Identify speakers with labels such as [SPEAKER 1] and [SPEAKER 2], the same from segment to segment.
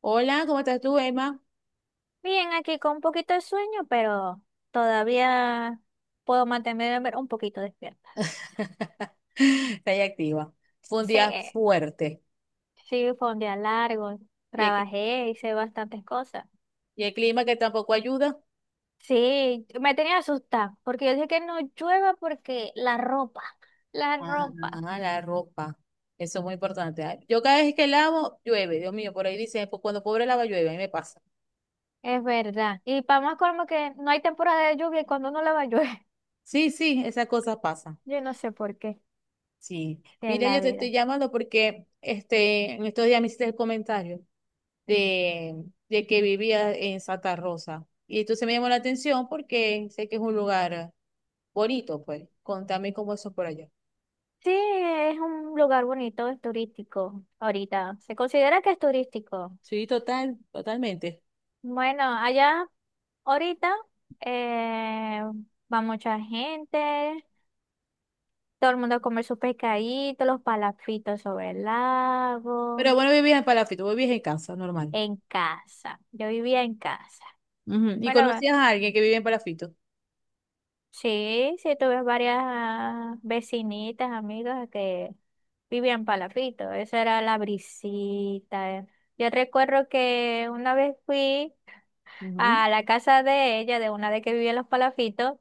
[SPEAKER 1] Hola, ¿cómo estás tú, Emma?
[SPEAKER 2] Bien, aquí con un poquito de sueño, pero todavía puedo mantenerme un poquito despierta.
[SPEAKER 1] Está ahí activa. Fue un
[SPEAKER 2] Sí,
[SPEAKER 1] día fuerte.
[SPEAKER 2] sí, fue un día largo,
[SPEAKER 1] Y el, cli-
[SPEAKER 2] trabajé, hice bastantes cosas.
[SPEAKER 1] y el clima que tampoco ayuda.
[SPEAKER 2] Sí, me tenía asustada, porque yo dije que no llueva porque la ropa, la ropa,
[SPEAKER 1] La ropa. Eso es muy importante. Ay, yo cada vez que lavo, llueve. Dios mío, por ahí dicen, "Pues cuando pobre lava, llueve." A mí me pasa.
[SPEAKER 2] es verdad. Y para más como que no hay temporada de lluvia y cuando no lava llueve,
[SPEAKER 1] Sí, sí, esas cosas pasan.
[SPEAKER 2] yo no sé por qué,
[SPEAKER 1] Sí.
[SPEAKER 2] que es
[SPEAKER 1] Mira, yo
[SPEAKER 2] la
[SPEAKER 1] te estoy
[SPEAKER 2] vida.
[SPEAKER 1] llamando porque en estos días me hiciste el comentario de, de que vivía en Santa Rosa. Y entonces me llamó la atención porque sé que es un lugar. Bonito, pues. Contame cómo eso es por allá.
[SPEAKER 2] Sí, es un lugar bonito, es turístico ahorita. Se considera que es turístico.
[SPEAKER 1] Sí, total, totalmente.
[SPEAKER 2] Bueno, allá ahorita eh, va mucha gente, todo el mundo a comer sus pescaditos, los palafitos sobre el
[SPEAKER 1] Pero
[SPEAKER 2] lago,
[SPEAKER 1] bueno, ¿vivías en Palafito, vivías en casa, normal?
[SPEAKER 2] en casa. Yo vivía en casa.
[SPEAKER 1] Ujú. ¿Y
[SPEAKER 2] Bueno, ve-
[SPEAKER 1] conocías a alguien que vive en Palafito?
[SPEAKER 2] sí, tuve varias vecinitas, amigas que vivían palafitos. Esa era la brisita. Yo recuerdo que una vez fui
[SPEAKER 1] Ujú.
[SPEAKER 2] a la casa de ella, de una de que vivía en los palafitos,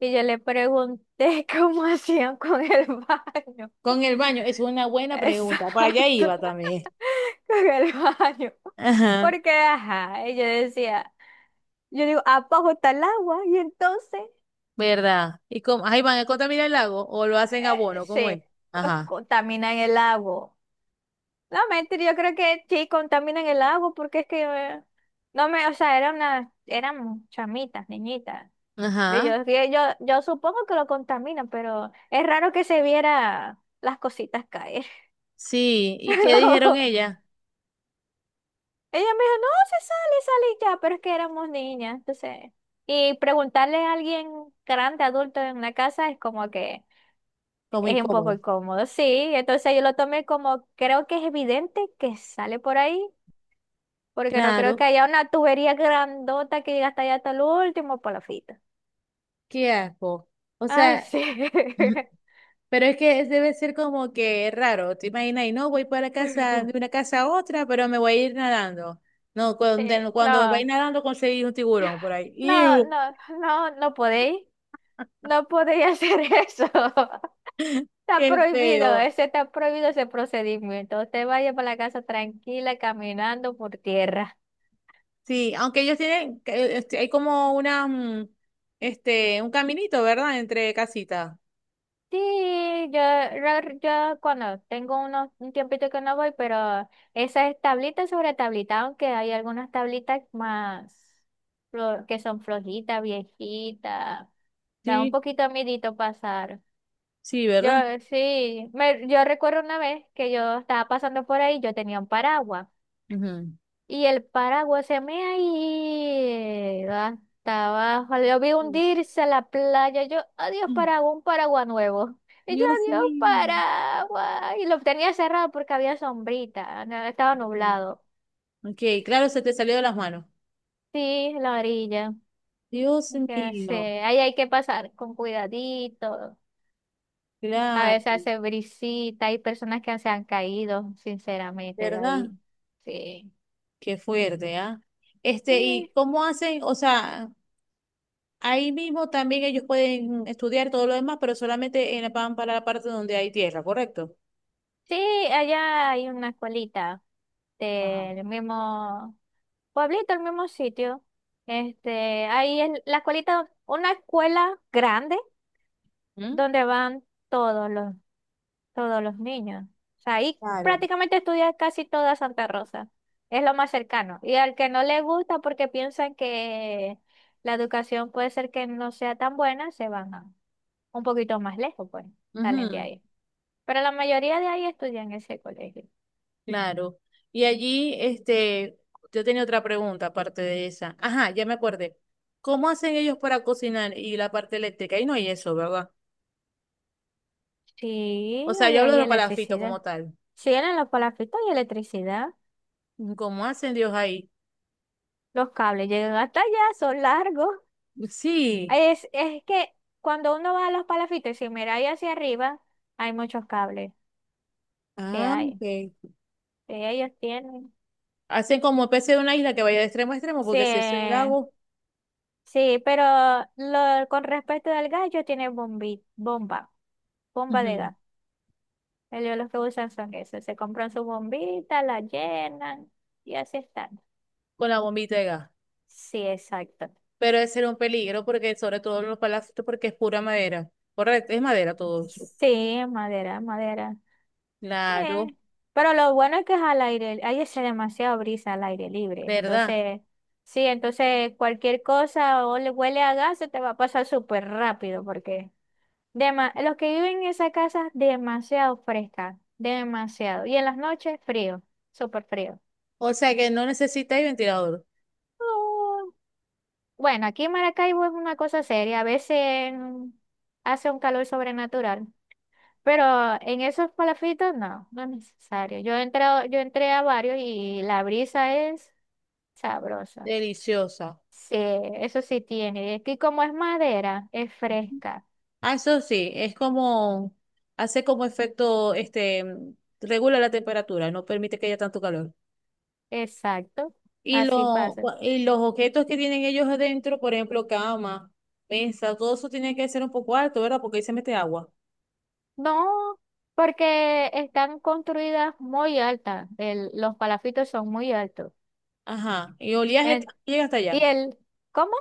[SPEAKER 2] y yo le pregunté cómo hacían con el baño.
[SPEAKER 1] Con el baño, es una buena pregunta. Para allá
[SPEAKER 2] Exacto,
[SPEAKER 1] iba también.
[SPEAKER 2] con el baño.
[SPEAKER 1] Ajá,
[SPEAKER 2] Porque, ajá, y yo decía, yo digo, abajo está el agua y entonces,
[SPEAKER 1] ¿verdad? ¿Y cómo? Ahí van a contaminar el lago o lo
[SPEAKER 2] ah,
[SPEAKER 1] hacen abono, ¿cómo es?
[SPEAKER 2] sí,
[SPEAKER 1] Ajá,
[SPEAKER 2] contaminan el agua. No, mentira, yo creo que sí, contaminan el agua porque es que, no me, o sea, era una, eran chamitas, niñitas. Pero
[SPEAKER 1] ajá.
[SPEAKER 2] yo, que yo, supongo que lo contaminan, pero es raro que se viera las cositas caer.
[SPEAKER 1] Sí, ¿y qué dijeron ella?
[SPEAKER 2] Ella me dijo, no, se sale, sale y ya, pero es que éramos niñas, entonces. Y preguntarle a alguien grande, adulto en la casa es como que
[SPEAKER 1] Como
[SPEAKER 2] es un poco
[SPEAKER 1] incómodo.
[SPEAKER 2] incómodo, sí. Entonces yo lo tomé como, creo que es evidente que sale por ahí, porque no creo que
[SPEAKER 1] Claro.
[SPEAKER 2] haya una tubería grandota que llega hasta allá hasta el último palafita.
[SPEAKER 1] Qué asco. O
[SPEAKER 2] Ay,
[SPEAKER 1] sea,
[SPEAKER 2] sí.
[SPEAKER 1] pero es que debe ser como que raro, te imaginas, y no voy para casa, de una casa a otra, pero me voy a ir nadando. No,
[SPEAKER 2] Sí,
[SPEAKER 1] cuando vais
[SPEAKER 2] no,
[SPEAKER 1] nadando conseguís un tiburón por ahí.
[SPEAKER 2] no,
[SPEAKER 1] ¡Iu!
[SPEAKER 2] no, no, no podéis hacer eso.
[SPEAKER 1] ¡Qué feo!
[SPEAKER 2] Está prohibido ese procedimiento. Usted vaya para la casa tranquila, caminando por tierra.
[SPEAKER 1] Sí, aunque ellos tienen, hay como una, un caminito, ¿verdad? Entre casitas.
[SPEAKER 2] Sí, yo cuando tengo unos, un tiempito que no voy, pero esa es tablita sobre tablita, aunque hay algunas tablitas más que son flojitas, viejitas. Da un
[SPEAKER 1] Sí,
[SPEAKER 2] poquito de miedito pasar.
[SPEAKER 1] sí,
[SPEAKER 2] Yo
[SPEAKER 1] ¿verdad?
[SPEAKER 2] sí, yo recuerdo una vez que yo estaba pasando por ahí, yo tenía un paraguas.
[SPEAKER 1] Ujú.
[SPEAKER 2] Y el paraguas se me ha ido hasta abajo. Lo vi
[SPEAKER 1] Dios.
[SPEAKER 2] hundirse a la playa. Yo, adiós
[SPEAKER 1] Mm.
[SPEAKER 2] paraguas, un paraguas nuevo. Y yo,
[SPEAKER 1] Dios
[SPEAKER 2] adiós
[SPEAKER 1] mío.
[SPEAKER 2] paraguas. Y lo tenía cerrado porque había sombrita, no, estaba
[SPEAKER 1] Ujú.
[SPEAKER 2] nublado.
[SPEAKER 1] Ok, claro, se te salió de las manos.
[SPEAKER 2] Sí, la orilla.
[SPEAKER 1] Dios
[SPEAKER 2] Ya
[SPEAKER 1] mío,
[SPEAKER 2] sé, ahí hay que pasar con cuidadito. A
[SPEAKER 1] claro,
[SPEAKER 2] veces hace brisita, hay personas que se han caído, sinceramente, de
[SPEAKER 1] ¿verdad?
[SPEAKER 2] ahí. Sí.
[SPEAKER 1] Qué fuerte, ¿ah? ¿Y
[SPEAKER 2] Sí,
[SPEAKER 1] cómo hacen? O sea, ahí mismo también ellos pueden estudiar todo lo demás, pero solamente en la, van para la parte donde hay tierra, ¿correcto?
[SPEAKER 2] Sí, allá hay una escuelita
[SPEAKER 1] Ajá.
[SPEAKER 2] del mismo pueblito, el mismo sitio. Este, ahí es la escuelita, una escuela grande
[SPEAKER 1] ¿Mm?
[SPEAKER 2] donde van todos los, todos los niños. O sea, ahí
[SPEAKER 1] Claro.
[SPEAKER 2] prácticamente estudia casi toda Santa Rosa. Es lo más cercano. Y al que no le gusta porque piensan que la educación puede ser que no sea tan buena, un poquito más lejos, pues,
[SPEAKER 1] Ujú,
[SPEAKER 2] salen de
[SPEAKER 1] sí.
[SPEAKER 2] ahí. Pero la mayoría de ahí estudian en ese colegio.
[SPEAKER 1] Claro. Y allí, yo tenía otra pregunta aparte de esa. Ajá, ya me acordé. ¿Cómo hacen ellos para cocinar y la parte eléctrica? Ahí no hay eso, ¿verdad?
[SPEAKER 2] Sí,
[SPEAKER 1] O sea,
[SPEAKER 2] ahí
[SPEAKER 1] yo hablo de
[SPEAKER 2] hay
[SPEAKER 1] los palafitos
[SPEAKER 2] electricidad.
[SPEAKER 1] como tal.
[SPEAKER 2] Si eran los palafitos y electricidad.
[SPEAKER 1] ¿Cómo hacen Dios ahí?
[SPEAKER 2] Los cables llegan hasta allá, son largos.
[SPEAKER 1] Sí.
[SPEAKER 2] Es que cuando uno va a los palafitos y si mira ahí hacia arriba, hay muchos cables. Sí,
[SPEAKER 1] Ah,
[SPEAKER 2] hay.
[SPEAKER 1] ok.
[SPEAKER 2] Sí, ellos tienen.
[SPEAKER 1] Hacen como especie de una isla que vaya de extremo a extremo,
[SPEAKER 2] Sí,
[SPEAKER 1] porque si eso es el lago,
[SPEAKER 2] sí, pero lo, con respecto al gas, ellos tienen bombi, bomba, bomba de
[SPEAKER 1] ujú.
[SPEAKER 2] gas. Ellos los que usan son esos. Se compran su bombita, la llenan y así están.
[SPEAKER 1] Con la bombita de gas.
[SPEAKER 2] Sí, exacto.
[SPEAKER 1] Pero ese era un peligro, porque sobre todo los palacios, porque es pura madera. Correcto, es madera todo eso.
[SPEAKER 2] Sí, es madera. Eh,
[SPEAKER 1] Claro,
[SPEAKER 2] Pero lo bueno es que es al aire, ahí hace demasiado brisa al aire libre.
[SPEAKER 1] ¿verdad?
[SPEAKER 2] Entonces, sí, entonces cualquier cosa o le huele a gas se te va a pasar súper rápido porque los que viven en esa casa, demasiado fresca, demasiado. Y en las noches, frío, súper frío.
[SPEAKER 1] O sea que no necesitáis ventilador.
[SPEAKER 2] Oh, bueno, aquí en Maracaibo es una cosa seria. A veces hace un calor sobrenatural. Pero en esos palafitos no, no es necesario. Yo he entrado, yo entré a varios y la brisa es sabrosa.
[SPEAKER 1] Deliciosa.
[SPEAKER 2] Sí, eso sí tiene. Y aquí como es madera, es fresca.
[SPEAKER 1] Ah, eso sí, es como, hace como efecto, regula la temperatura, no permite que haya tanto calor.
[SPEAKER 2] Exacto.
[SPEAKER 1] Y,
[SPEAKER 2] Así pasa.
[SPEAKER 1] y los objetos que tienen ellos adentro, por ejemplo, cama, mesa, todo eso tiene que ser un poco alto, ¿verdad? Porque ahí se mete agua.
[SPEAKER 2] No, porque están construidas muy altas. Los palafitos son muy altos.
[SPEAKER 1] Ajá.
[SPEAKER 2] En-
[SPEAKER 1] Llega hasta allá.
[SPEAKER 2] y el, ¿cómo?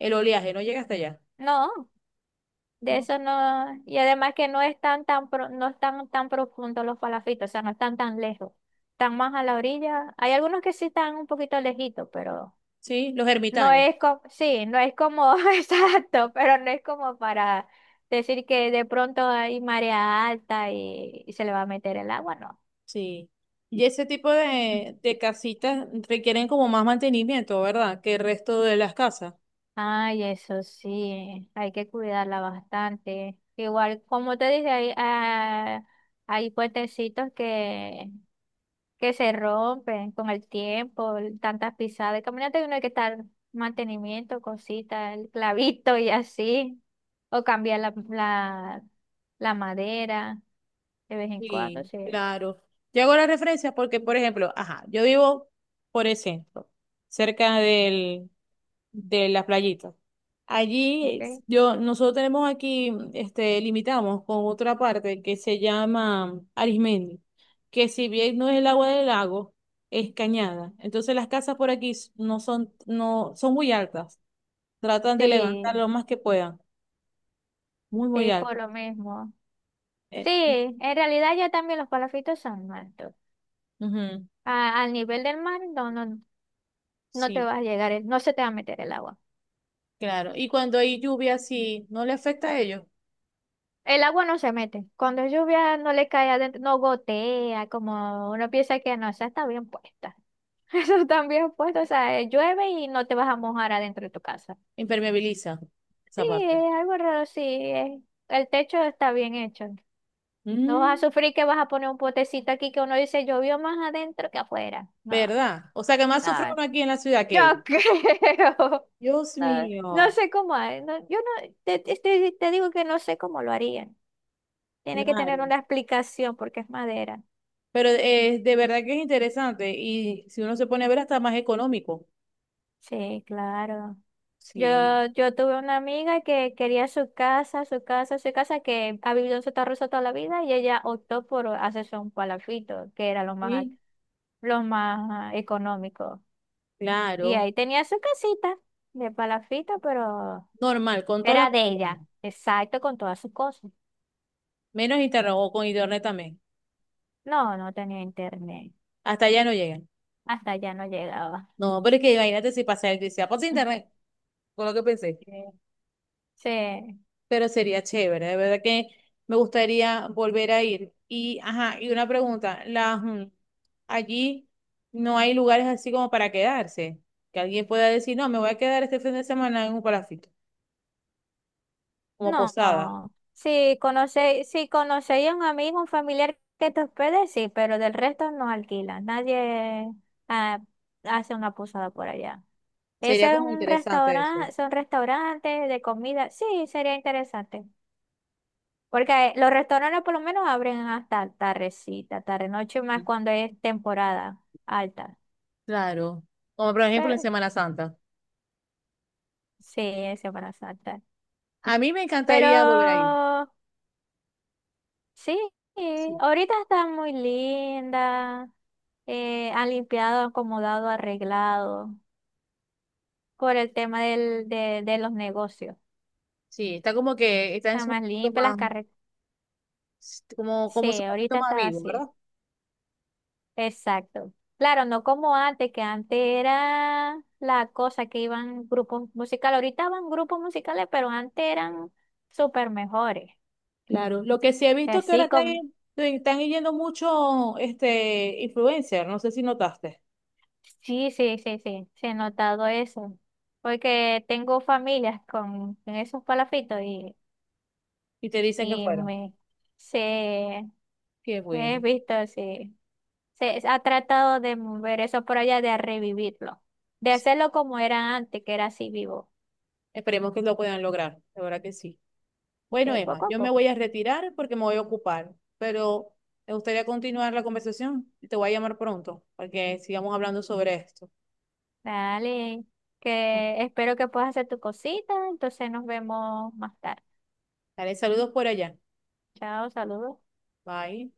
[SPEAKER 1] El oleaje no llega hasta allá.
[SPEAKER 2] No. De
[SPEAKER 1] ¿No?
[SPEAKER 2] eso no, y además que no están no están tan profundos los palafitos, o sea, no están tan lejos, están más a la orilla. Hay algunos que sí están un poquito lejitos, pero
[SPEAKER 1] Sí, los
[SPEAKER 2] no
[SPEAKER 1] ermitaños.
[SPEAKER 2] es como, sí, no es como, exacto, pero no es como para decir que de pronto hay marea alta y se le va a meter el agua, no.
[SPEAKER 1] Sí. Y ese tipo de casitas requieren como más mantenimiento, ¿verdad? Que el resto de las casas.
[SPEAKER 2] Ay, eso sí, hay que cuidarla bastante. Igual, como te dije, hay, hay puentecitos que se rompen con el tiempo, tantas pisadas. Caminante uno hay que estar mantenimiento, cositas, el clavito y así. O cambiar la madera de vez en cuando,
[SPEAKER 1] Sí,
[SPEAKER 2] sí.
[SPEAKER 1] claro. Yo hago la referencia porque, por ejemplo, ajá, yo vivo por el centro, cerca del, de la playita. Allí,
[SPEAKER 2] Ok.
[SPEAKER 1] yo, nosotros tenemos aquí, limitamos con otra parte que se llama Arismendi, que si bien no es el agua del lago, es cañada. Entonces las casas por aquí no son, no, son muy altas. Tratan de levantar
[SPEAKER 2] Sí,
[SPEAKER 1] lo más que puedan. Muy, muy
[SPEAKER 2] sí, por
[SPEAKER 1] altas.
[SPEAKER 2] lo mismo. Sí,
[SPEAKER 1] Eh,
[SPEAKER 2] en realidad ya también los palafitos son malos.
[SPEAKER 1] ujú,
[SPEAKER 2] Al nivel del mar, no te
[SPEAKER 1] sí,
[SPEAKER 2] va a llegar, no se te va a meter el agua.
[SPEAKER 1] claro. Y cuando hay lluvia, sí, no le afecta a ellos.
[SPEAKER 2] El agua no se mete. Cuando es lluvia no le cae adentro, no gotea, como uno piensa que no, esa está bien puesta. Eso está bien puesto, o sea, llueve y no te vas a mojar adentro de tu casa.
[SPEAKER 1] Impermeabiliza
[SPEAKER 2] Sí,
[SPEAKER 1] esa parte.
[SPEAKER 2] es algo raro, sí. es- el techo está bien hecho. No vas a
[SPEAKER 1] Mm,
[SPEAKER 2] sufrir que vas a poner un potecito aquí que uno dice llovió más adentro que afuera. No,
[SPEAKER 1] ¿verdad? O sea que más sufre
[SPEAKER 2] no,
[SPEAKER 1] uno aquí en la ciudad
[SPEAKER 2] yo
[SPEAKER 1] que ellos.
[SPEAKER 2] creo.
[SPEAKER 1] Dios
[SPEAKER 2] No, no
[SPEAKER 1] mío,
[SPEAKER 2] sé cómo hay, no, yo no, te, te digo que no sé cómo lo harían. Tiene que tener
[SPEAKER 1] claro.
[SPEAKER 2] una explicación porque es madera.
[SPEAKER 1] Pero de verdad que es interesante y si uno se pone a ver hasta más económico.
[SPEAKER 2] Sí, claro. Yo,
[SPEAKER 1] Sí,
[SPEAKER 2] yo tuve una amiga que quería su casa, que ha vivido en Santa Rosa toda la vida y ella optó por hacerse un palafito, que era
[SPEAKER 1] sí,
[SPEAKER 2] lo más económico. Y
[SPEAKER 1] claro.
[SPEAKER 2] ahí tenía su casita de palafito, pero
[SPEAKER 1] Normal, con todas las
[SPEAKER 2] era de
[SPEAKER 1] comodidades.
[SPEAKER 2] ella, exacto, con todas sus cosas.
[SPEAKER 1] ¿Menos internet o con internet también?
[SPEAKER 2] No, no tenía internet.
[SPEAKER 1] Hasta allá no llegan.
[SPEAKER 2] Hasta allá no llegaba.
[SPEAKER 1] No, pero es que imagínate si pasa, si sea, pasa internet, con lo que pensé.
[SPEAKER 2] Eh, sí,
[SPEAKER 1] Pero sería chévere, de verdad que me gustaría volver a ir. Y, ajá, y una pregunta, allí no hay lugares así como para quedarse, que alguien pueda decir, no, me voy a quedar este fin de semana en un palafito, como
[SPEAKER 2] no.
[SPEAKER 1] posada.
[SPEAKER 2] Si conocéis, si conocéis a un amigo, un familiar que te hospede, sí, pero del resto no alquilan. Nadie ah, hace una posada por allá.
[SPEAKER 1] Sería
[SPEAKER 2] Ese es
[SPEAKER 1] como
[SPEAKER 2] un
[SPEAKER 1] interesante
[SPEAKER 2] restaurante,
[SPEAKER 1] eso.
[SPEAKER 2] son restaurantes de comida. Sí, sería interesante. Porque los restaurantes por lo menos abren hasta tardecita, tarde noche más cuando es temporada alta.
[SPEAKER 1] Claro, como por ejemplo en
[SPEAKER 2] Pero
[SPEAKER 1] Semana Santa.
[SPEAKER 2] sí, es Semana Santa.
[SPEAKER 1] A mí me
[SPEAKER 2] Pero
[SPEAKER 1] encantaría volver a ir.
[SPEAKER 2] sí,
[SPEAKER 1] Sí,
[SPEAKER 2] ahorita está muy linda, han limpiado, acomodado, arreglado por el tema de los negocios.
[SPEAKER 1] sí, está como que está en
[SPEAKER 2] Está más
[SPEAKER 1] momento
[SPEAKER 2] limpia las
[SPEAKER 1] más,
[SPEAKER 2] carreteras.
[SPEAKER 1] como, como su
[SPEAKER 2] Sí,
[SPEAKER 1] momento
[SPEAKER 2] ahorita
[SPEAKER 1] más
[SPEAKER 2] está
[SPEAKER 1] vivo,
[SPEAKER 2] así.
[SPEAKER 1] ¿verdad?
[SPEAKER 2] Exacto. Claro, no como antes, que antes era la cosa que iban grupos musicales. Ahorita van grupos musicales, pero antes eran súper mejores.
[SPEAKER 1] Claro, lo que sí he visto es que ahora
[SPEAKER 2] Así
[SPEAKER 1] están,
[SPEAKER 2] como.
[SPEAKER 1] están yendo mucho influencer, no sé si notaste,
[SPEAKER 2] Sí, he notado eso, porque tengo familias con esos palafitos
[SPEAKER 1] y te dicen que
[SPEAKER 2] y
[SPEAKER 1] fueron.
[SPEAKER 2] me, se,
[SPEAKER 1] Qué
[SPEAKER 2] he
[SPEAKER 1] bueno.
[SPEAKER 2] visto, sí, se ha tratado de mover eso por allá, de revivirlo, de
[SPEAKER 1] Sí.
[SPEAKER 2] hacerlo como era antes, que era así vivo,
[SPEAKER 1] Esperemos que lo puedan lograr, de verdad que sí. Bueno,
[SPEAKER 2] de
[SPEAKER 1] Emma,
[SPEAKER 2] poco a
[SPEAKER 1] yo me voy
[SPEAKER 2] poco.
[SPEAKER 1] a retirar porque me voy a ocupar, pero me gustaría continuar la conversación y te voy a llamar pronto para que sigamos hablando sobre esto.
[SPEAKER 2] Dale, que espero que puedas hacer tu cosita, entonces nos vemos más tarde.
[SPEAKER 1] Dale saludos por allá.
[SPEAKER 2] Chao, saludos.
[SPEAKER 1] Bye.